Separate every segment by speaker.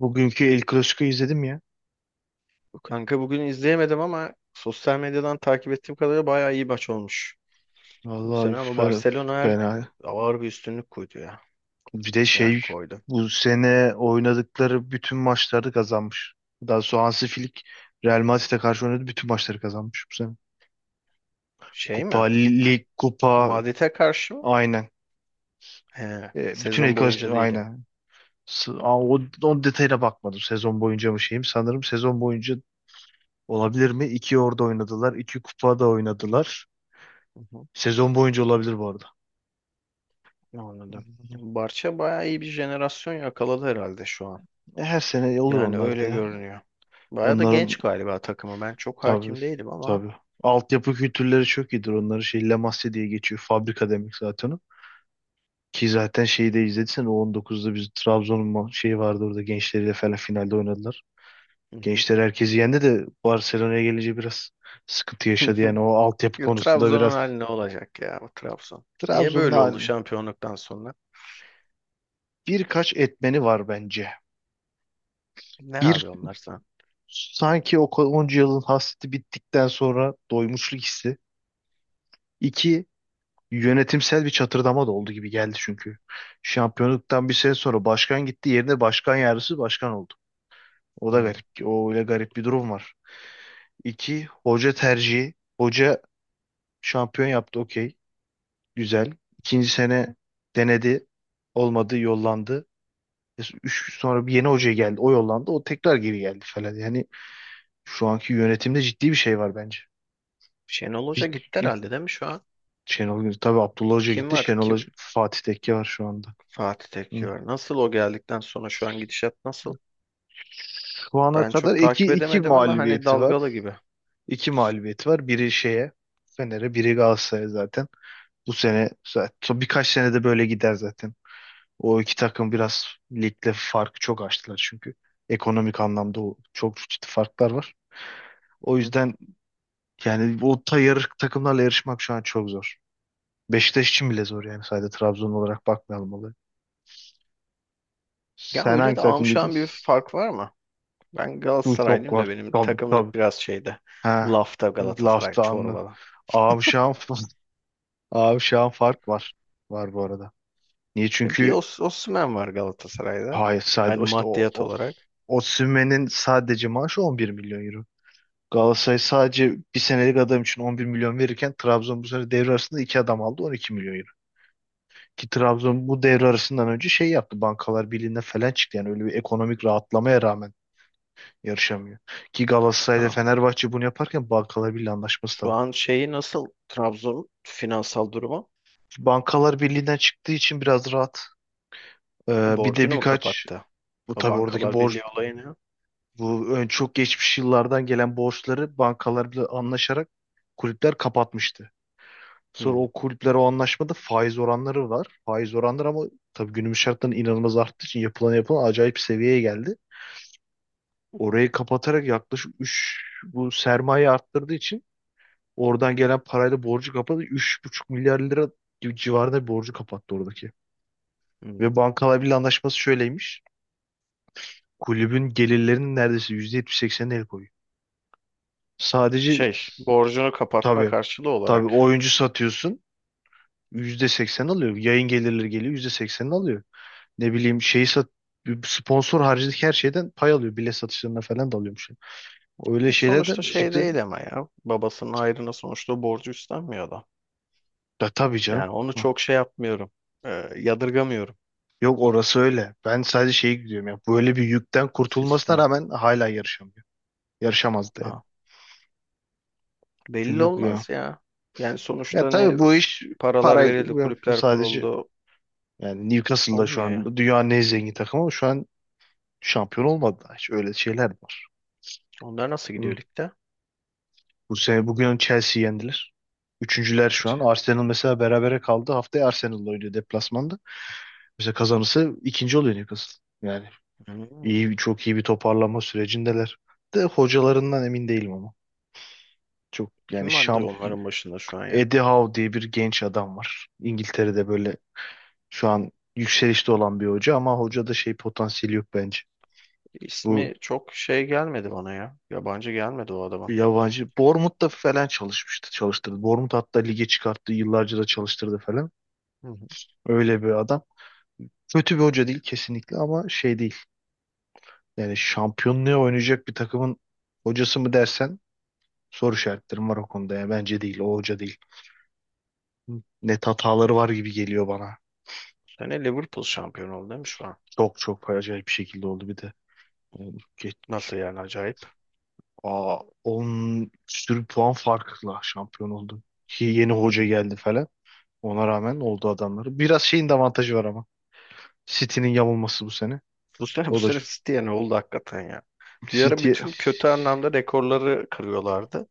Speaker 1: Bugünkü El Clasico'yu izledim ya.
Speaker 2: Kanka bugün izleyemedim ama sosyal medyadan takip ettiğim kadarıyla bayağı iyi maç olmuş. Bu
Speaker 1: Vallahi
Speaker 2: sene ama Barcelona her
Speaker 1: fena.
Speaker 2: ağır bir üstünlük koydu ya.
Speaker 1: Bir de
Speaker 2: Yani
Speaker 1: şey
Speaker 2: koydu.
Speaker 1: bu sene oynadıkları bütün maçları kazanmış. Daha sonra Hansi Flick Real Madrid'e karşı oynadı bütün maçları kazanmış bu sene.
Speaker 2: Şey
Speaker 1: Kupa,
Speaker 2: mi?
Speaker 1: lig, kupa
Speaker 2: Madrid'e karşı mı?
Speaker 1: aynen.
Speaker 2: He,
Speaker 1: Bütün El
Speaker 2: sezon boyunca
Speaker 1: Clasico
Speaker 2: değil ya.
Speaker 1: aynen. O detayına bakmadım, sezon boyunca mı şeyim. Sanırım sezon boyunca olabilir mi? İki orada oynadılar. İki kupa da oynadılar.
Speaker 2: Hı hı.
Speaker 1: Sezon boyunca olabilir bu arada.
Speaker 2: Anladım. Barça bayağı iyi bir jenerasyon yakaladı herhalde şu an.
Speaker 1: Her sene olur
Speaker 2: Yani
Speaker 1: onlar da
Speaker 2: öyle
Speaker 1: ya.
Speaker 2: görünüyor. Bayağı da
Speaker 1: Onların
Speaker 2: genç galiba takımı. Ben çok
Speaker 1: Tabii.
Speaker 2: hakim değilim ama.
Speaker 1: Tabii. Altyapı kültürleri çok iyidir. Onların şey Lamasya diye geçiyor. Fabrika demek zaten o. Ki zaten şeyi de izlediysen o 2019'da biz Trabzon'un şeyi vardı, orada gençleriyle falan finalde oynadılar.
Speaker 2: Hı hı.
Speaker 1: Gençler herkesi yendi de Barcelona'ya gelince biraz sıkıntı yaşadı. Yani o altyapı
Speaker 2: Ya
Speaker 1: konusunda
Speaker 2: Trabzon'un
Speaker 1: biraz.
Speaker 2: hali ne olacak ya, bu Trabzon? Niye
Speaker 1: Trabzon'un
Speaker 2: böyle oldu
Speaker 1: hali-
Speaker 2: şampiyonluktan sonra?
Speaker 1: Birkaç etmeni var bence.
Speaker 2: Ne abi
Speaker 1: Bir,
Speaker 2: onlar sana?
Speaker 1: sanki o onca yılın hasreti bittikten sonra doymuşluk hissi. İki, yönetimsel bir çatırdama da oldu gibi geldi çünkü. Şampiyonluktan bir sene sonra başkan gitti, yerine başkan yardımcısı başkan oldu. O da
Speaker 2: Hmm.
Speaker 1: garip. O öyle garip bir durum var. İki, hoca tercihi. Hoca şampiyon yaptı, okey. Güzel. İkinci sene denedi. Olmadı, yollandı. Üç, sonra bir yeni hoca geldi. O yollandı. O tekrar geri geldi falan. Yani şu anki yönetimde ciddi bir şey var bence.
Speaker 2: Şenol Hoca gitti
Speaker 1: Bir-
Speaker 2: herhalde, değil mi şu an?
Speaker 1: Şenol Güneş. Tabii Abdullah Hoca
Speaker 2: Kim
Speaker 1: gitti.
Speaker 2: var?
Speaker 1: Şenol Hoca,
Speaker 2: Kim?
Speaker 1: Fatih Tekke var şu anda.
Speaker 2: Fatih
Speaker 1: Hı.
Speaker 2: Tekke var. Nasıl, o geldikten sonra şu an gidişat nasıl?
Speaker 1: Şu ana
Speaker 2: Ben
Speaker 1: kadar
Speaker 2: çok
Speaker 1: iki,
Speaker 2: takip
Speaker 1: iki
Speaker 2: edemedim ama hani
Speaker 1: mağlubiyeti var.
Speaker 2: dalgalı gibi.
Speaker 1: İki mağlubiyeti var. Biri şeye, Fener'e, biri Galatasaray'a zaten. Bu sene zaten son birkaç senede böyle gider zaten. O iki takım biraz ligde farkı çok açtılar çünkü. Ekonomik anlamda çok ciddi farklar var. O
Speaker 2: Hı.
Speaker 1: yüzden yani o tayır takımlarla yarışmak şu an çok zor. Beşiktaş için bile zor yani, sadece Trabzon olarak bakmayalım olaya.
Speaker 2: Ya
Speaker 1: Sen
Speaker 2: öyle
Speaker 1: hangi
Speaker 2: de
Speaker 1: takımlıydın?
Speaker 2: amşan bir fark var mı? Ben
Speaker 1: Bu çok
Speaker 2: Galatasaraylıyım da
Speaker 1: var.
Speaker 2: benim
Speaker 1: Tabii, tabii.
Speaker 2: takımlık biraz şeyde.
Speaker 1: Ha.
Speaker 2: Lafta Galatasaray
Speaker 1: Laftanlı.
Speaker 2: çorbalı.
Speaker 1: Abi şu an Abi şu an fark var. Var bu arada. Niye?
Speaker 2: E, bir
Speaker 1: Çünkü
Speaker 2: Osimhen var Galatasaray'da.
Speaker 1: hayır, sadece
Speaker 2: Hani
Speaker 1: işte o,
Speaker 2: maddiyat
Speaker 1: o
Speaker 2: olarak.
Speaker 1: Osimhen'in sadece maaşı 11 milyon euro. Galatasaray sadece bir senelik adam için 11 milyon verirken Trabzon bu sene devre arasında iki adam aldı 12 milyon euro. Ki Trabzon bu devre arasından önce şey yaptı, Bankalar Birliği'ne falan çıktı. Yani öyle bir ekonomik rahatlamaya rağmen yarışamıyor. Ki Galatasaray
Speaker 2: Şu
Speaker 1: ile
Speaker 2: an,
Speaker 1: Fenerbahçe bunu yaparken Bankalar Birliği anlaşması da
Speaker 2: şu
Speaker 1: var.
Speaker 2: an şeyi nasıl? Trabzon finansal durumu?
Speaker 1: Bankalar Birliği'nden çıktığı için biraz rahat.
Speaker 2: E,
Speaker 1: Bir de
Speaker 2: borcunu mu
Speaker 1: birkaç,
Speaker 2: kapattı?
Speaker 1: bu
Speaker 2: O
Speaker 1: tabii oradaki
Speaker 2: Bankalar Birliği
Speaker 1: borç.
Speaker 2: olayını.
Speaker 1: Bu ön çok geçmiş yıllardan gelen borçları bankalarla anlaşarak kulüpler kapatmıştı. Sonra
Speaker 2: Hı.
Speaker 1: o kulüpler, o anlaşmada faiz oranları var. Faiz oranları ama tabii günümüz şartlarında inanılmaz arttığı için yapılan acayip bir seviyeye geldi. Orayı kapatarak yaklaşık üç, bu sermaye arttırdığı için oradan gelen parayla borcu kapadı. Buçuk milyar lira gibi civarında bir borcu kapattı oradaki.
Speaker 2: Hmm.
Speaker 1: Ve bankalar bile anlaşması şöyleymiş. Kulübün gelirlerinin neredeyse %70-80'ine el koyuyor. Sadece.
Speaker 2: Şey, borcunu kapatma
Speaker 1: Tabii.
Speaker 2: karşılığı
Speaker 1: Tabii,
Speaker 2: olarak.
Speaker 1: oyuncu satıyorsun %80 alıyor. Yayın gelirleri geliyor %80'ini alıyor. Ne bileyim, şeyi sat, sponsor haricindeki her şeyden pay alıyor. Bilet satışlarına falan da alıyormuş. Öyle
Speaker 2: E sonuçta
Speaker 1: şeylerden
Speaker 2: şey
Speaker 1: çıktı.
Speaker 2: değil ama ya. Babasının ayrına sonuçta borcu üstlenmiyor da.
Speaker 1: Da tabii canım.
Speaker 2: Yani onu
Speaker 1: Hı.
Speaker 2: çok şey yapmıyorum. E, yadırgamıyorum.
Speaker 1: Yok orası öyle. Ben sadece şeyi gidiyorum ya, böyle bir yükten kurtulmasına
Speaker 2: Sistem.
Speaker 1: rağmen hala yarışamıyor. Yarışamazdı yani.
Speaker 2: Ha. Belli
Speaker 1: Çünkü ya.
Speaker 2: olmaz ya. Yani
Speaker 1: Ya
Speaker 2: sonuçta ne
Speaker 1: tabii bu iş,
Speaker 2: paralar
Speaker 1: parayı
Speaker 2: verildi,
Speaker 1: bu
Speaker 2: kulüpler
Speaker 1: sadece,
Speaker 2: kuruldu.
Speaker 1: yani Newcastle'da şu
Speaker 2: Olmuyor ya.
Speaker 1: an dünyanın en zengin takımı ama şu an şampiyon olmadı daha hiç. Öyle şeyler var.
Speaker 2: Onlar nasıl
Speaker 1: Hı.
Speaker 2: gidiyor ligde?
Speaker 1: Bu sene bugün Chelsea yendiler. Üçüncüler şu
Speaker 2: Kaç?
Speaker 1: an. Arsenal mesela berabere kaldı. Haftaya Arsenal'la oynuyor deplasmanda. Mesela kazanırsa ikinci oluyor Newcastle. Yani
Speaker 2: Hmm.
Speaker 1: iyi, çok iyi bir toparlanma sürecindeler. De hocalarından emin değilim ama. Çok yani
Speaker 2: Kim vardı
Speaker 1: şamp
Speaker 2: onların başında şu an ya?
Speaker 1: Eddie Howe diye bir genç adam var. İngiltere'de böyle şu an yükselişte olan bir hoca, ama hocada şey potansiyeli yok bence. Bu
Speaker 2: İsmi çok şey gelmedi bana ya. Yabancı gelmedi o
Speaker 1: bir
Speaker 2: adamın.
Speaker 1: yabancı. Bournemouth'ta falan çalışmıştı, çalıştırdı. Bournemouth hatta lige çıkarttı, yıllarca da çalıştırdı falan.
Speaker 2: Hı hı.
Speaker 1: Öyle bir adam. Kötü bir hoca değil kesinlikle, ama şey değil. Yani şampiyonluğa oynayacak bir takımın hocası mı dersen, soru işaretlerim var o konuda. Yani bence değil, o hoca değil. Net hataları var gibi geliyor bana.
Speaker 2: Sene Liverpool şampiyon oldu, değil mi şu an?
Speaker 1: Çok çok acayip bir şekilde oldu bir de. Yani
Speaker 2: Nasıl yani, acayip.
Speaker 1: 10 sürü puan farkla şampiyon oldu. Ki yeni hoca
Speaker 2: Hmm.
Speaker 1: geldi falan. Ona rağmen oldu adamları. Biraz şeyin de avantajı var ama, City'nin yamulması bu sene.
Speaker 2: Bu sene bu
Speaker 1: O da
Speaker 2: sene City'ye ne oldu hakikaten ya. Bir ara
Speaker 1: City.
Speaker 2: bütün kötü anlamda rekorları kırıyorlardı.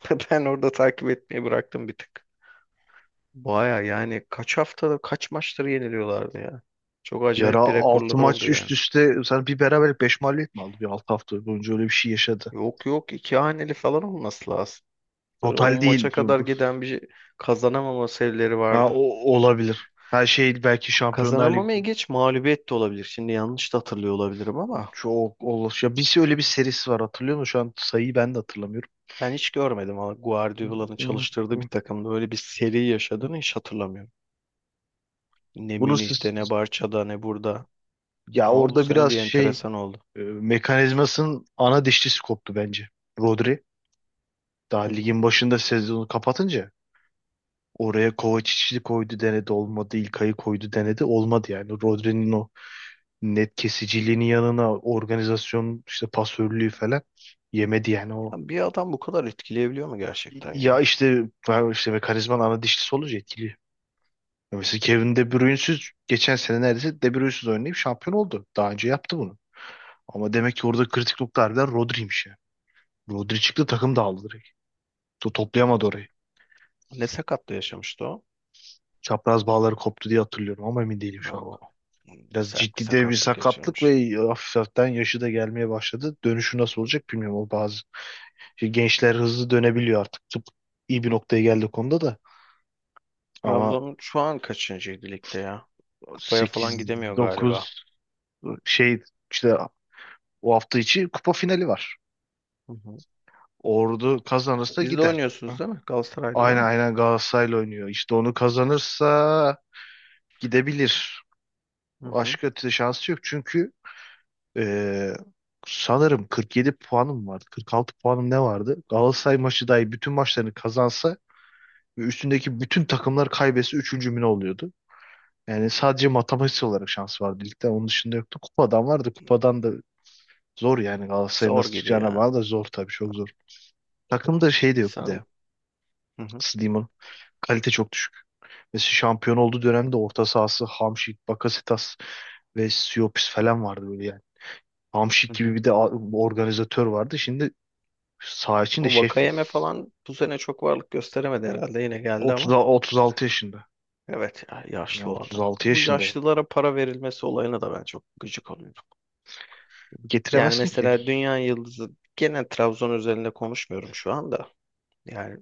Speaker 2: Ben orada takip etmeyi bıraktım bir tık. Baya yani kaç haftada kaç maçları yeniliyorlardı ya. Çok
Speaker 1: Yara
Speaker 2: acayip bir
Speaker 1: 6
Speaker 2: rekorları oldu
Speaker 1: maç üst
Speaker 2: yani.
Speaker 1: üste sen bir beraberlik 5 mağlubiyet mi aldı? Bir 6 hafta boyunca öyle bir şey yaşadı.
Speaker 2: Yok, iki haneli falan olması lazım. Böyle 10
Speaker 1: Total değil.
Speaker 2: maça kadar
Speaker 1: Bu.
Speaker 2: giden bir kazanamama serileri
Speaker 1: Ha,
Speaker 2: vardı.
Speaker 1: olabilir. Her şey belki Şampiyonlar Ligi
Speaker 2: Kazanamamaya geç mağlubiyet de olabilir. Şimdi yanlış da hatırlıyor olabilirim ama
Speaker 1: çok olur. Ya bir öyle bir serisi var, hatırlıyor musun? Şu an sayıyı ben de hatırlamıyorum.
Speaker 2: ben hiç görmedim ama Guardiola'nın çalıştırdığı bir takımda öyle bir seri yaşadığını hiç hatırlamıyorum. Ne
Speaker 1: Bunu siz-
Speaker 2: Münih'te, ne Barça'da, ne burada.
Speaker 1: Ya
Speaker 2: Ama bu
Speaker 1: orada
Speaker 2: sene
Speaker 1: biraz
Speaker 2: bir
Speaker 1: şey,
Speaker 2: enteresan oldu.
Speaker 1: mekanizmasının ana dişlisi koptu bence. Rodri daha
Speaker 2: Hı hı.
Speaker 1: ligin başında sezonu kapatınca oraya Kovacic'i koydu, denedi, olmadı. İlkay'ı koydu, denedi, olmadı yani. Rodri'nin o net kesiciliğinin yanına organizasyon, işte pasörlüğü falan yemedi yani o.
Speaker 2: Ya bir adam bu kadar etkileyebiliyor mu gerçekten
Speaker 1: Ya
Speaker 2: ya?
Speaker 1: işte ben, işte mekanizmanın ana dişlisi olunca etkili. Ya mesela Kevin De Bruyne'siz, geçen sene neredeyse De Bruyne'siz oynayıp şampiyon oldu. Daha önce yaptı bunu. Ama demek ki orada kritik nokta harbiden Rodri'ymiş ya. Rodri çıktı, takım dağıldı direkt. Toplayamadı orayı.
Speaker 2: Ne sakatlığı yaşamıştı o?
Speaker 1: Çapraz bağları koptu diye hatırlıyorum ama emin değilim şu anda.
Speaker 2: Oo,
Speaker 1: Biraz
Speaker 2: sert bir
Speaker 1: ciddi de bir
Speaker 2: sakatlık
Speaker 1: sakatlık
Speaker 2: geçirmiş.
Speaker 1: ve hafif hafiften yaşı da gelmeye başladı. Dönüşü nasıl olacak bilmiyorum. O bazı Şimdi gençler hızlı dönebiliyor artık. Tıp iyi bir noktaya geldi konuda da. Ama
Speaker 2: Trabzon şu an kaçıncıydı ligde ya? Kupaya falan
Speaker 1: sekiz,
Speaker 2: gidemiyor galiba.
Speaker 1: dokuz şey, işte o hafta içi kupa finali var.
Speaker 2: Hı hı.
Speaker 1: Ordu kazanırsa
Speaker 2: Biz de
Speaker 1: gider.
Speaker 2: oynuyorsunuz
Speaker 1: Ha?
Speaker 2: değil mi? Galatasaray'da değil
Speaker 1: Aynen,
Speaker 2: mi?
Speaker 1: aynen Galatasaray'la oynuyor. İşte onu kazanırsa gidebilir.
Speaker 2: Hı hı.
Speaker 1: Başka ötesi şansı yok. Çünkü eee, sanırım 47 puanım vardı. 46 puanım ne vardı? Galatasaray maçı dahi bütün maçlarını kazansa ve üstündeki bütün takımlar kaybetse üçüncü mü ne oluyordu? Yani sadece matematiksel olarak şans vardı ligde. Onun dışında yoktu. Kupadan vardı. Kupadan da zor, yani Galatasaray'ın
Speaker 2: Zor
Speaker 1: nasıl
Speaker 2: gibi
Speaker 1: çıkacağına
Speaker 2: ya.
Speaker 1: bağlı, da zor tabii, çok zor. Takımda şey de yok bir
Speaker 2: Sen...
Speaker 1: de.
Speaker 2: Hı hı.
Speaker 1: Nasıl diyeyim onu? Kalite çok düşük. Mesela şampiyon olduğu dönemde orta sahası Hamşik, Bakasetas ve Siopis falan vardı böyle yani. Hamşik
Speaker 2: Hı
Speaker 1: gibi
Speaker 2: hı.
Speaker 1: bir de organizatör vardı. Şimdi saha içinde
Speaker 2: O
Speaker 1: şef yok.
Speaker 2: Vakayeme falan bu sene çok varlık gösteremedi herhalde. Yine geldi
Speaker 1: 30,
Speaker 2: ama.
Speaker 1: 36 yaşında.
Speaker 2: Evet ya,
Speaker 1: Ya
Speaker 2: yaşlı o adam.
Speaker 1: 36
Speaker 2: Bu
Speaker 1: yaşında.
Speaker 2: yaşlılara para verilmesi olayına da ben çok gıcık oluyorum. Yani
Speaker 1: Getiremezsin ki.
Speaker 2: mesela Dünya Yıldızı, gene Trabzon üzerinde konuşmuyorum şu anda. Yani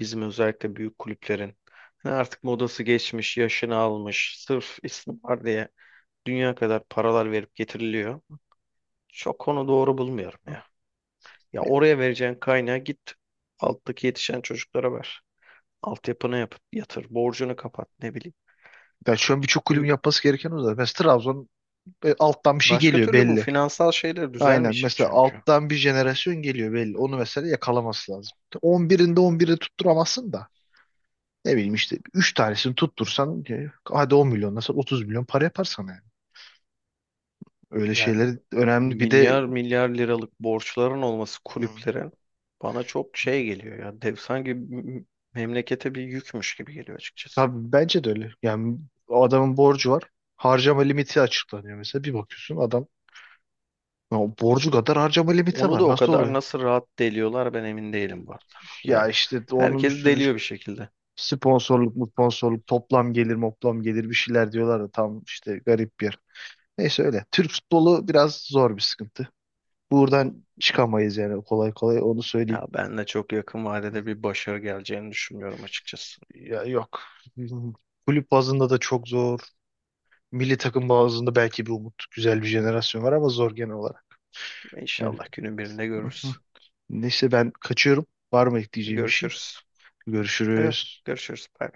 Speaker 2: bizim özellikle büyük kulüplerin hani artık modası geçmiş, yaşını almış, sırf isim var diye dünya kadar paralar verip getiriliyor. Çok onu doğru bulmuyorum ya. Ya oraya vereceğin kaynağı git alttaki yetişen çocuklara ver. Altyapını yap, yatır, borcunu kapat, ne bileyim.
Speaker 1: Ya şu an birçok kulübün
Speaker 2: Ü-
Speaker 1: yapması gereken o zaten. Mesela Trabzon Alttan bir şey
Speaker 2: Başka
Speaker 1: geliyor
Speaker 2: türlü bu
Speaker 1: belli.
Speaker 2: finansal şeyler
Speaker 1: Aynen.
Speaker 2: düzelmeyecek
Speaker 1: Mesela
Speaker 2: çünkü.
Speaker 1: alttan bir jenerasyon geliyor belli. Onu mesela yakalaması lazım. 11'inde 11'i tutturamazsın da. Ne bileyim, işte 3 tanesini tuttursan hadi 10 milyon nasıl 30 milyon para yapar sana yani. Öyle
Speaker 2: Yani
Speaker 1: şeyler önemli. Bir de.
Speaker 2: milyar milyar liralık borçların olması
Speaker 1: Hı,
Speaker 2: kulüplerin bana çok şey geliyor ya. Dev, memlekete bir yükmüş gibi geliyor açıkçası.
Speaker 1: tabii bence de öyle. Yani o adamın borcu var. Harcama limiti açıklanıyor mesela. Bir bakıyorsun adam ya borcu kadar harcama limiti
Speaker 2: Onu da
Speaker 1: var.
Speaker 2: o
Speaker 1: Nasıl
Speaker 2: kadar
Speaker 1: oluyor?
Speaker 2: nasıl rahat deliyorlar, ben emin değilim bu arada.
Speaker 1: Ya
Speaker 2: Yani
Speaker 1: işte onun bir
Speaker 2: herkes
Speaker 1: sürü.
Speaker 2: deliyor bir şekilde.
Speaker 1: Sponsorluk mu sponsorluk, toplam gelir moplam gelir, bir şeyler diyorlar da tam işte garip bir yer. Neyse öyle. Türk futbolu biraz zor bir sıkıntı. Buradan çıkamayız yani kolay kolay, onu söyleyeyim.
Speaker 2: Ya ben de çok yakın vadede bir başarı geleceğini düşünmüyorum açıkçası.
Speaker 1: Ya yok. Kulüp bazında da çok zor. Milli takım bazında belki bir umut. Güzel bir jenerasyon var ama zor genel olarak. Yani.
Speaker 2: İnşallah günün birinde
Speaker 1: Hı
Speaker 2: görürüz.
Speaker 1: hı. Neyse ben kaçıyorum. Var mı ekleyeceğim bir şey?
Speaker 2: Görüşürüz. Yok,
Speaker 1: Görüşürüz.
Speaker 2: görüşürüz. Bye.